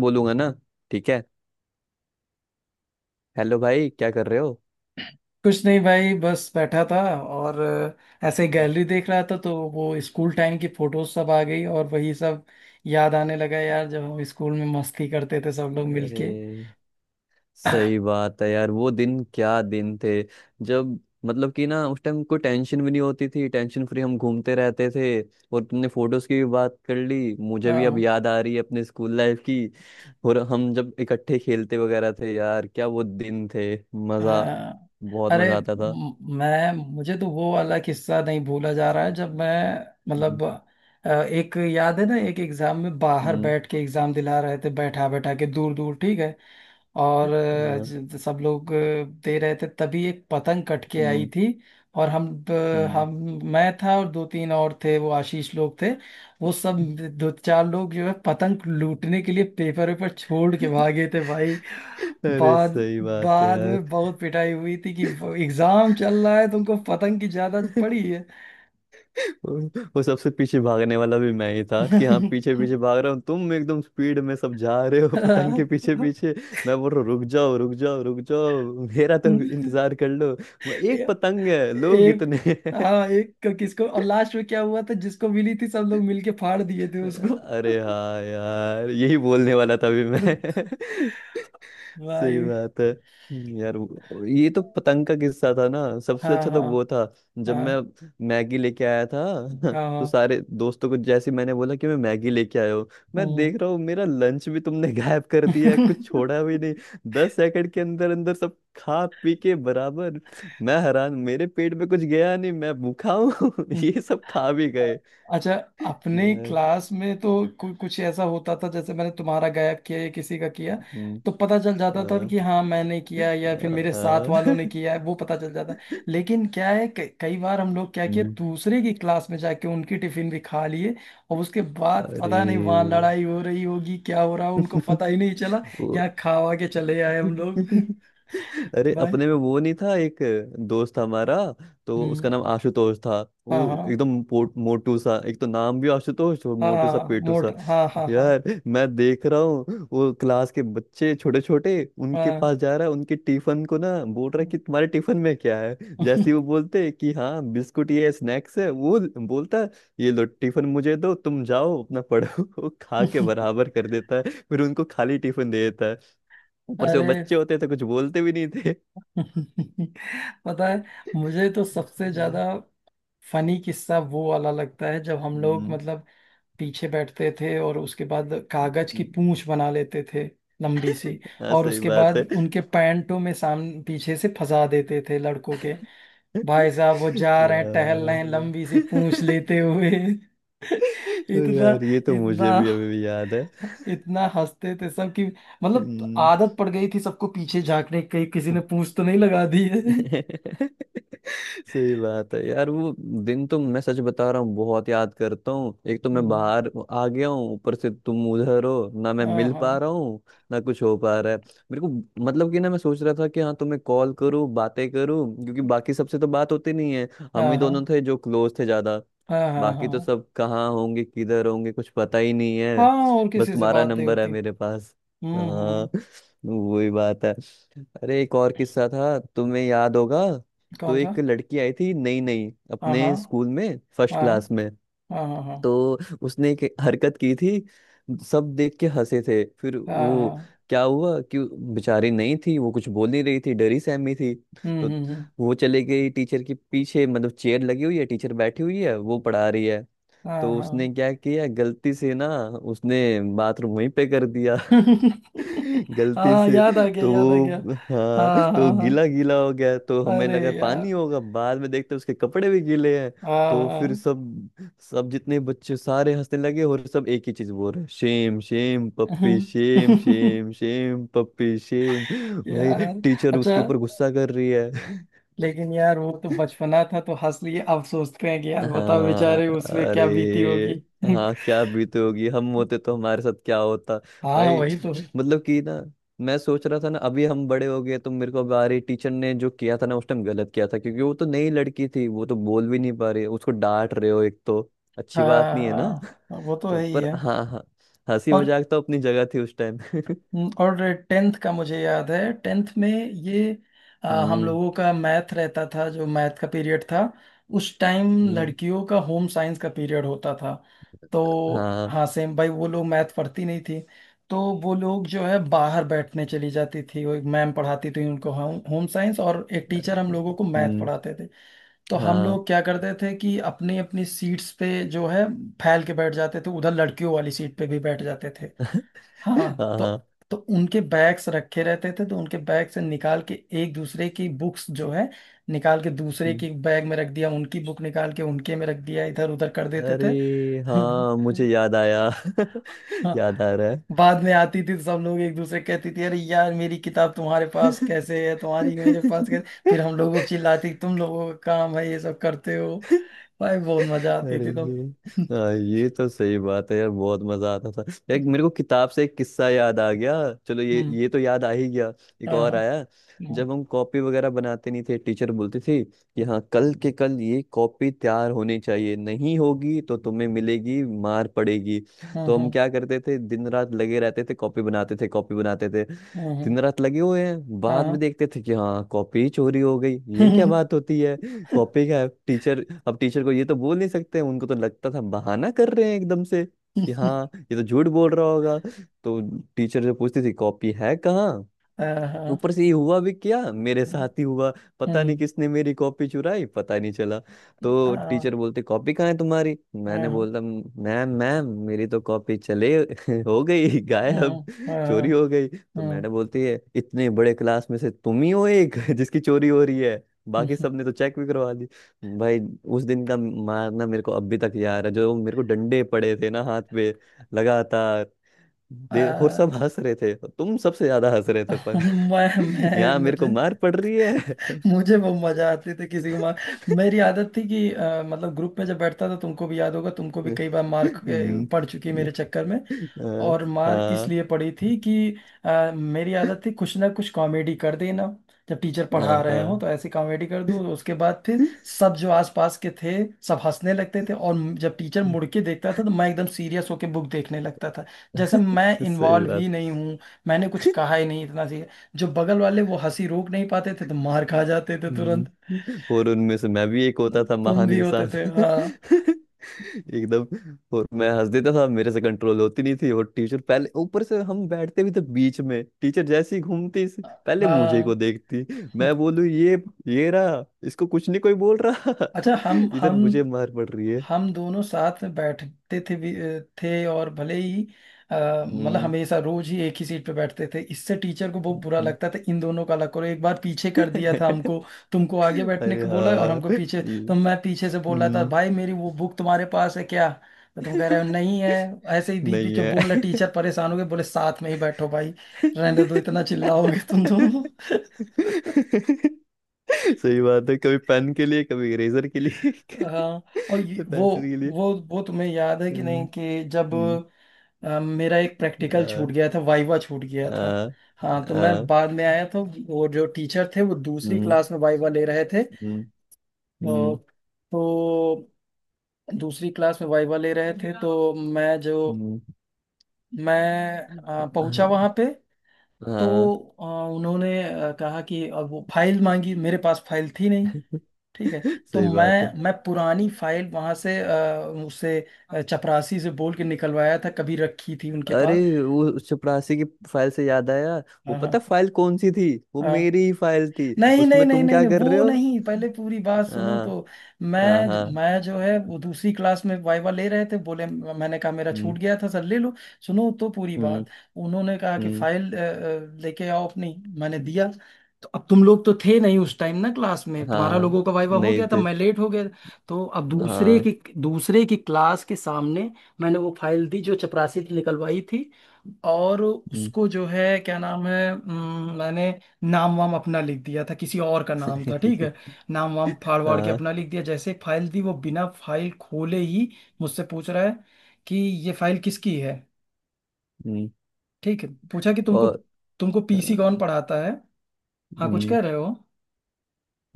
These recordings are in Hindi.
बोलूंगा ना। ठीक है। हेलो भाई, क्या कर रहे हो? कुछ नहीं भाई, बस बैठा था। और ऐसे ही हम्म। गैलरी देख रहा था तो वो स्कूल टाइम की फोटोज सब आ गई, और वही सब याद आने लगा यार, जब हम स्कूल में मस्ती करते थे सब लोग अरे मिलके। सही बात है यार, वो दिन क्या दिन थे। जब मतलब कि ना, उस टाइम कोई टेंशन भी नहीं होती थी। टेंशन फ्री हम घूमते रहते थे। और तुमने फोटोज की भी बात कर ली, मुझे भी अब हाँ, याद आ रही है अपने स्कूल लाइफ की। और हम जब इकट्ठे खेलते वगैरह थे यार, क्या वो दिन थे। मजा, हाँ। बहुत अरे मजा आता था। मैं मुझे तो वो वाला किस्सा नहीं भूला जा रहा है। जब मैं, हम्म। मतलब एक याद है ना, एक एग्जाम में बाहर हम्म। बैठ के एग्जाम दिला रहे थे, बैठा बैठा के दूर दूर, ठीक है। और हाँ। सब लोग दे रहे थे तभी एक पतंग कट के आई हम्म। थी। और हम्म। हम, मैं था और दो तीन और थे, वो आशीष लोग थे, वो सब दो चार लोग जो है पतंग लूटने के लिए पेपर वेपर छोड़ के भागे थे भाई। अरे बाद सही बात है बाद यार। में बहुत पिटाई हुई थी कि एग्जाम चल रहा है, तुमको पतंग की ज्यादा पड़ी वो सबसे पीछे भागने वाला भी मैं ही था। कि हाँ है। पीछे पीछे भाग रहा हूँ, तुम एकदम स्पीड में सब जा रहे हो पतंग के पीछे पीछे। मैं बोल रहा हूँ रुक जाओ रुक जाओ रुक जाओ, मेरा तो इंतजार कर लो। वो एक पतंग है, लोग एक, इतने हैं। हाँ एक किसको, और लास्ट में क्या हुआ था जिसको मिली थी सब लोग मिलके फाड़ दिए थे उसको। अरे हाँ यार, यही बोलने वाला था अभी मैं। सही भाई। बात है। यार वो- ये तो पतंग का किस्सा था ना, सबसे हाँ, अच्छा तो हाँ, वो था जब मैं हाँ, मैगी लेके आया था। हाँ, तो हाँ। सारे दोस्तों को जैसे ही मैंने बोला कि मैं मैगी लेके आया हूँ, मैं हम्म। देख रहा हूँ मेरा लंच भी तुमने गायब कर दिया है, कुछ छोड़ा भी नहीं। 10 सेकंड के अंदर अंदर सब खा पी के बराबर। मैं हैरान, मेरे पेट में कुछ गया नहीं, मैं भूखा हूँ, ये सब खा भी गए। अच्छा, अपने यार। क्लास में तो कुछ ऐसा होता था जैसे मैंने तुम्हारा गायब किया या किसी का किया हम्म। तो पता चल जाता था हाँ, कि हाँ मैंने किया या फिर हाँ, मेरे साथ हाँ। वालों ने किया है, वो पता चल जाता। लेकिन क्या है, कई बार हम लोग क्या किया, हम्म। दूसरे की क्लास में जाके उनकी टिफिन भी खा लिए। और उसके बाद अरे। पता नहीं वहाँ लड़ाई हो रही होगी, क्या हो रहा हो, उनको पता ही नहीं चला। वो, यहाँ खावा के चले आए हम लोग। अरे भाई। अपने में वो नहीं था? एक दोस्त था हमारा, तो उसका हम्म। नाम आशुतोष था। वो हाँ, हाँ, एकदम मोटू सा। एक तो नाम भी आशुतोष, और हाँ, मोटू सा हाँ, पेटू मोट, सा। हाँ, हाँ, हाँ, यार मैं देख रहा हूँ वो क्लास के बच्चे छोटे छोटे, उनके हाँ। पास जा रहा है, उनके टिफिन को ना बोल रहा है कि तुम्हारे टिफिन में क्या है। जैसे ही वो बोलते हैं कि हाँ बिस्कुट ये स्नैक्स है, वो बोलता है ये लो टिफिन मुझे दो, तुम जाओ अपना पढ़ो। वो खा के बराबर कर देता है, फिर उनको खाली टिफिन दे देता। ऊपर से वो अरे। बच्चे होते तो कुछ बोलते भी नहीं थे। पता है, मुझे तो सबसे हाँ। ज्यादा फनी किस्सा वो वाला लगता है जब हम लोग, हम्म। मतलब, पीछे बैठते थे और उसके बाद कागज की पूंछ बना लेते थे, लंबी सी। हाँ और सही उसके बात बाद है। उनके पैंटों में सामने पीछे से फंसा देते थे लड़कों के। भाई साहब वो जा रहे हैं, टहल रहे यार। हैं, लंबी सी पूंछ लेते हुए। इतना यार ये तो इतना मुझे भी अभी भी याद है। इतना हंसते थे सब कि, मतलब, हम्म। आदत पड़ गई थी सबको पीछे झांकने की कहीं किसी ने पूंछ तो नहीं लगा दी है। सही बात है यार। वो दिन तो मैं सच बता रहा हूँ, बहुत याद करता हूँ। एक तो मैं हम्म। बाहर आ गया हूँ, ऊपर से तुम उधर हो, ना मैं हाँ, मिल हाँ, पा रहा हूँ ना कुछ हो पा रहा है। मेरे को मतलब कि ना, मैं सोच रहा था कि हाँ तुम्हें कॉल करूँ बातें करूँ, क्योंकि बाकी सबसे तो बात होती नहीं है। हम हाँ, ही हाँ, दोनों थे जो क्लोज थे ज्यादा। हाँ, हाँ, हाँ, बाकी तो सब कहाँ होंगे किधर होंगे कुछ पता ही नहीं है। हाँ और बस किसी से तुम्हारा बात नहीं नंबर है होती। मेरे पास। हम्म, हम्म। हाँ। वही बात है। अरे एक और किस्सा था, तुम्हें याद होगा। तो कौन सा? एक लड़की आई थी नई नई हाँ, हाँ, अपने स्कूल में, फर्स्ट हाँ, क्लास में। हाँ, हाँ, हाँ, तो उसने एक हरकत की थी, सब देख के हंसे थे। फिर हाँ, वो, हाँ। क्या हुआ कि वो बेचारी नहीं थी, वो कुछ बोल नहीं रही थी, डरी सहमी थी। हम्म, तो हम्म, हम्म। वो चले गई टीचर के पीछे। मतलब चेयर लगी हुई है, टीचर बैठी हुई है, वो पढ़ा रही है। हाँ, तो हाँ। उसने क्या किया गलती से ना, उसने बाथरूम वहीं पे कर दिया, गलती हाँ, से। याद आ गया, तो याद आ गया। वो, हाँ हाँ, तो हाँ, हाँ, गीला गीला हो गया, तो हमें अरे लगा पानी यार, होगा, बाद में देखते उसके कपड़े भी गीले हैं। हाँ, तो फिर हाँ। सब, जितने बच्चे सारे हंसने लगे, और सब एक ही चीज बोल रहे shame shame puppy shame shame shame puppy Shem भाई। यार। टीचर अच्छा, उसके ऊपर गुस्सा कर रही है। लेकिन यार वो तो बचपना था तो हंस लिए, अब सोचते हैं कि यार बताओ हाँ। बेचारे उसमें क्या बीती अरे होगी। हाँ, क्या बीते होगी, हम होते तो हमारे साथ क्या होता। हाँ भाई वही तो। मतलब कि ना, मैं सोच रहा था ना, अभी हम बड़े हो गए तो मेरे को बारी टीचर ने जो किया था ना उस टाइम, गलत किया था। क्योंकि वो तो नई लड़की थी, वो तो बोल भी नहीं पा रही, उसको डांट रहे हो, एक तो अच्छी हाँ, बात नहीं है ना। हाँ, वो तो तो है ही पर है। हाँ हाँ, हंसी और मजाक तो अपनी जगह थी उस टाइम। और टेंथ का मुझे याद है, टेंथ में ये, आ, हम हम्म। लोगों का मैथ रहता था, जो मैथ का पीरियड था। उस टाइम हम्म। लड़कियों का होम साइंस का पीरियड होता था। तो हाँ। हाँ सेम भाई, वो लोग मैथ पढ़ती नहीं थी तो वो लोग जो है बाहर बैठने चली जाती थी। वो एक मैम पढ़ाती थी उनको होम होम साइंस, और एक टीचर हम लोगों को मैथ हम्म। पढ़ाते थे। तो हम हाँ। लोग क्या करते थे कि अपनी अपनी सीट्स पे जो है फैल के बैठ जाते थे, उधर लड़कियों वाली सीट पे भी बैठ जाते थे। हाँ हाँ। तो हाँ। तो उनके बैग्स रखे रहते थे, तो उनके बैग से निकाल के एक दूसरे की बुक्स जो है निकाल के दूसरे हम्म। की बैग में रख दिया, उनकी बुक निकाल के उनके में रख दिया, इधर उधर कर देते अरे थे। हाँ मुझे याद आया। हाँ। याद आ रहा बाद में आती थी तो सब लोग एक दूसरे कहती थी अरे यार मेरी किताब तुम्हारे पास कैसे है, तुम्हारी मेरे पास कैसे, है। फिर हम लोगों को चिल्लाती तुम लोगों का काम है ये सब करते हो। भाई बहुत मजा आती अरे थी तो। हाँ ये तो सही बात है यार, बहुत मजा आता था। एक, मेरे को किताब से एक किस्सा याद आ गया। चलो ये हम्म। ये तो याद आ ही गया। एक हाँ, और हाँ, आया। हाँ, जब हम कॉपी वगैरह बनाते नहीं थे, टीचर बोलती थी कि हाँ कल के कल ये कॉपी तैयार होनी चाहिए, नहीं होगी तो तुम्हें मिलेगी, मार पड़ेगी। हाँ, तो हम हाँ, क्या करते थे, दिन रात लगे रहते थे, कॉपी बनाते थे कॉपी बनाते थे, हाँ, हाँ, दिन रात लगे हुए हैं। बाद हाँ। में देखते थे कि हाँ कॉपी चोरी हो गई। ये क्या बात होती है कॉपी का है। टीचर, अब टीचर को ये तो बोल नहीं सकते, उनको तो लगता था बहाना कर रहे हैं एकदम से, कि हाँ ये तो झूठ बोल रहा होगा। तो टीचर जो पूछती थी कॉपी है कहाँ, हाँ, हाँ, ऊपर से ये हुआ भी क्या, मेरे साथ ही हुआ। पता नहीं हम्म, किसने मेरी कॉपी चुराई, पता नहीं चला। तो आह, टीचर बोलते कॉपी कहाँ है तुम्हारी, मैंने हाँ, बोलता मैम मैम मेरी तो कॉपी चले हो गई गायब, हम्म, आह, चोरी हो गई। तो हम्म, मैडम बोलती है इतने बड़े क्लास में से तुम ही हो एक जिसकी चोरी हो रही है, बाकी हम्म, सबने तो चेक भी करवा दी। भाई, उस दिन का मारना मेरे को अभी तक याद है, जो मेरे को डंडे पड़े थे ना हाथ पे लगातार, दे। और आह। सब हंस रहे थे, तुम सबसे ज्यादा हंस रहे थे। मैं मैं यहाँ मेरे मुझे को मार पड़ रही है। मुझे वो मजा आती थी किसी को मार। मेरी आदत थी कि मतलब, ग्रुप में जब बैठता था तुमको भी याद होगा, तुमको भी कई बार मार हम्म, पड़ चुकी है मेरे चक्कर में। हाँ और मार हाँ। इसलिए पड़ी थी कि मेरी आदत थी कुछ ना कुछ कॉमेडी कर देना। जब टीचर पढ़ा हाँ, रहे हो हाँ। तो ऐसी कॉमेडी कर दूं, उसके बाद फिर सब जो आसपास के थे सब हंसने लगते थे। और जब टीचर मुड़ के देखता था तो मैं एकदम सीरियस होके बुक देखने लगता था, जैसे मैं सही इन्वॉल्व ही बात। नहीं हूँ, मैंने कुछ कहा ही नहीं, इतना सी। जो बगल वाले वो हंसी रोक नहीं पाते थे तो मार खा जाते थे तुरंत। और उनमें से मैं भी एक होता था, तुम महान भी होते इंसान। थे हाँ। एकदम, और मैं हंस देता था, मेरे से कंट्रोल होती नहीं थी। और टीचर पहले, ऊपर से हम बैठते भी थे बीच में, टीचर जैसे ही घूमती पहले मुझे को हाँ। देखती। मैं बोलूं ये रहा, इसको कुछ नहीं कोई बोल रहा। अच्छा। हम इधर हम मुझे मार पड़ रही है। हम दोनों साथ में बैठते थे भी थे और भले ही, मतलब, हमेशा रोज ही एक ही सीट पे बैठते थे, इससे टीचर को बहुत बुरा हम्म। लगता था इन दोनों का, अलग करो। एक बार पीछे कर दिया था हमको, तुमको आगे बैठने अरे को बोला और हमको हाँ। पीछे। ये, तो मैं पीछे से बोल रहा था हम्म। भाई मेरी वो बुक तुम्हारे पास है क्या? तो तुम कह रहे हो नहीं है। ऐसे ही बीच नहीं बीच में है। बोल रहे, टीचर परेशान हो गए बोले साथ में ही बैठो भाई, रहने दो, इतना चिल्लाओगे तुम दोनों। सही बात है, कभी पेन के लिए कभी इरेजर के लिए। हाँ। और तो वो पेंसिल के लिए। वो तुम्हें याद है कि नहीं हम्म, कि जब हम्म, मेरा एक प्रैक्टिकल आ, छूट गया था, वाइवा छूट गया था। आ, हाँ तो मैं आ, बाद में आया था और जो टीचर थे वो दूसरी हम्म, क्लास में वाइवा ले रहे थे। हम्म, और हम्म, तो दूसरी क्लास में वाइवा ले रहे थे तो हम्म, मैं पहुंचा हाँ। वहां पे। तो हाँ। अ, उन्होंने कहा कि, अब वो फाइल मांगी, मेरे पास फाइल थी नहीं। ठीक है। तो सही मैं बात है। मैं पुरानी फाइल वहां से उससे चपरासी से बोल के निकलवाया था, कभी रखी थी उनके अरे पास। वो चपरासी की, फाइल से याद आया, वो हाँ, पता हाँ, फाइल कौन सी थी? वो हाँ। मेरी ही फाइल थी, नहीं, नहीं, उसमें नहीं, तुम नहीं, क्या नहीं, कर रहे वो हो? नहीं, पहले पूरी बात सुनो हाँ। तो। हाँ। मैं हाँ। मैं जो है वो दूसरी क्लास में वाइवा ले रहे थे बोले, मैंने कहा मेरा हम्म। छूट गया था सर ले लो। सुनो तो पूरी हम्म। बात। उन्होंने कहा कि हम्म। फाइल लेके आओ अपनी। मैंने दिया। तो अब तुम लोग तो थे नहीं उस टाइम ना क्लास में, तुम्हारा हाँ लोगों का वाइवा हो नहीं गया था, थे। मैं लेट हो गया। तो अब हाँ। दूसरे की क्लास के सामने मैंने वो फाइल दी जो चपरासी ने निकलवाई थी। और हम्म। उसको जो है, क्या नाम है, मैंने नाम वाम अपना लिख दिया था, किसी और का नाम था, ठीक है। नाम वाम फाड़ वाड़ के हाँ। अपना लिख दिया, जैसे एक फाइल थी वो बिना फाइल खोले ही मुझसे पूछ रहा है कि ये फाइल किसकी है। हम्म। ठीक है। पूछा कि तुमको, और। तुमको पीसी कौन हाँ। पढ़ाता है। हाँ कुछ हम्म। कह रहे हो?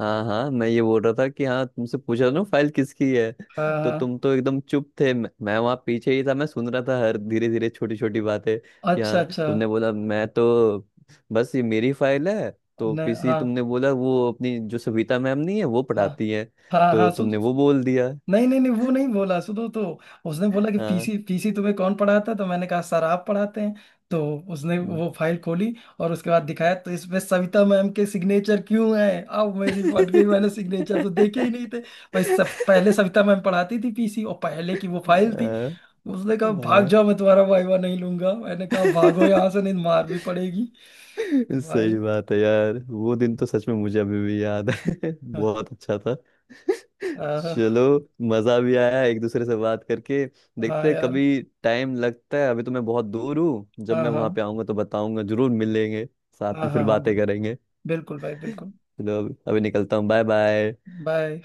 हाँ हाँ, मैं ये बोल रहा था कि हाँ, तुमसे पूछा ना फाइल किसकी है, हाँ, तो हाँ, तुम तो एकदम चुप थे। मैं वहाँ पीछे ही था, मैं सुन रहा था हर धीरे धीरे छोटी छोटी बातें, कि अच्छा, हाँ अच्छा, तुमने बोला मैं तो बस ये मेरी फाइल है। तो न, पीसी हाँ, तुमने बोला वो अपनी जो सविता मैम नहीं है वो हाँ, पढ़ाती है, हाँ, तो हाँ, तुमने वो बोल दिया। नहीं, नहीं, नहीं, वो नहीं बोला, सुनो तो। उसने बोला कि हाँ। पीसी, पीसी तुम्हें कौन पढ़ाता है? तो मैंने कहा सर आप पढ़ाते हैं। तो उसने हम्म। वो फाइल खोली और उसके बाद दिखाया तो इसमें सविता मैम के सिग्नेचर क्यों हैं? अब मेरी फट गई, मैंने सिग्नेचर तो देखे ही नहीं थे भाई, सब पहले सविता मैम पढ़ाती थी पीसी और पहले की वो फाइल थी। हाँ, उसने कहा भाग जाओ हाँ। मैं तुम्हारा वाइवा नहीं लूंगा, मैंने कहा भागो यहाँ से नहीं मार भी पड़ेगी। भाई। सही बात है यार, वो दिन तो सच में मुझे अभी भी याद है, हाँ। बहुत अच्छा था। हाँ, चलो, मजा भी आया एक दूसरे से बात करके। हाँ देखते हैं यार, कभी, टाइम लगता है, अभी तो मैं बहुत दूर हूँ। जब हाँ, मैं वहां पे हाँ, आऊंगा तो बताऊंगा, जरूर मिलेंगे, साथ हाँ, में फिर हाँ, हाँ, बातें करेंगे। बिल्कुल भाई बिल्कुल। चलो, अभी अभी निकलता हूँ। Bye bye. बाय।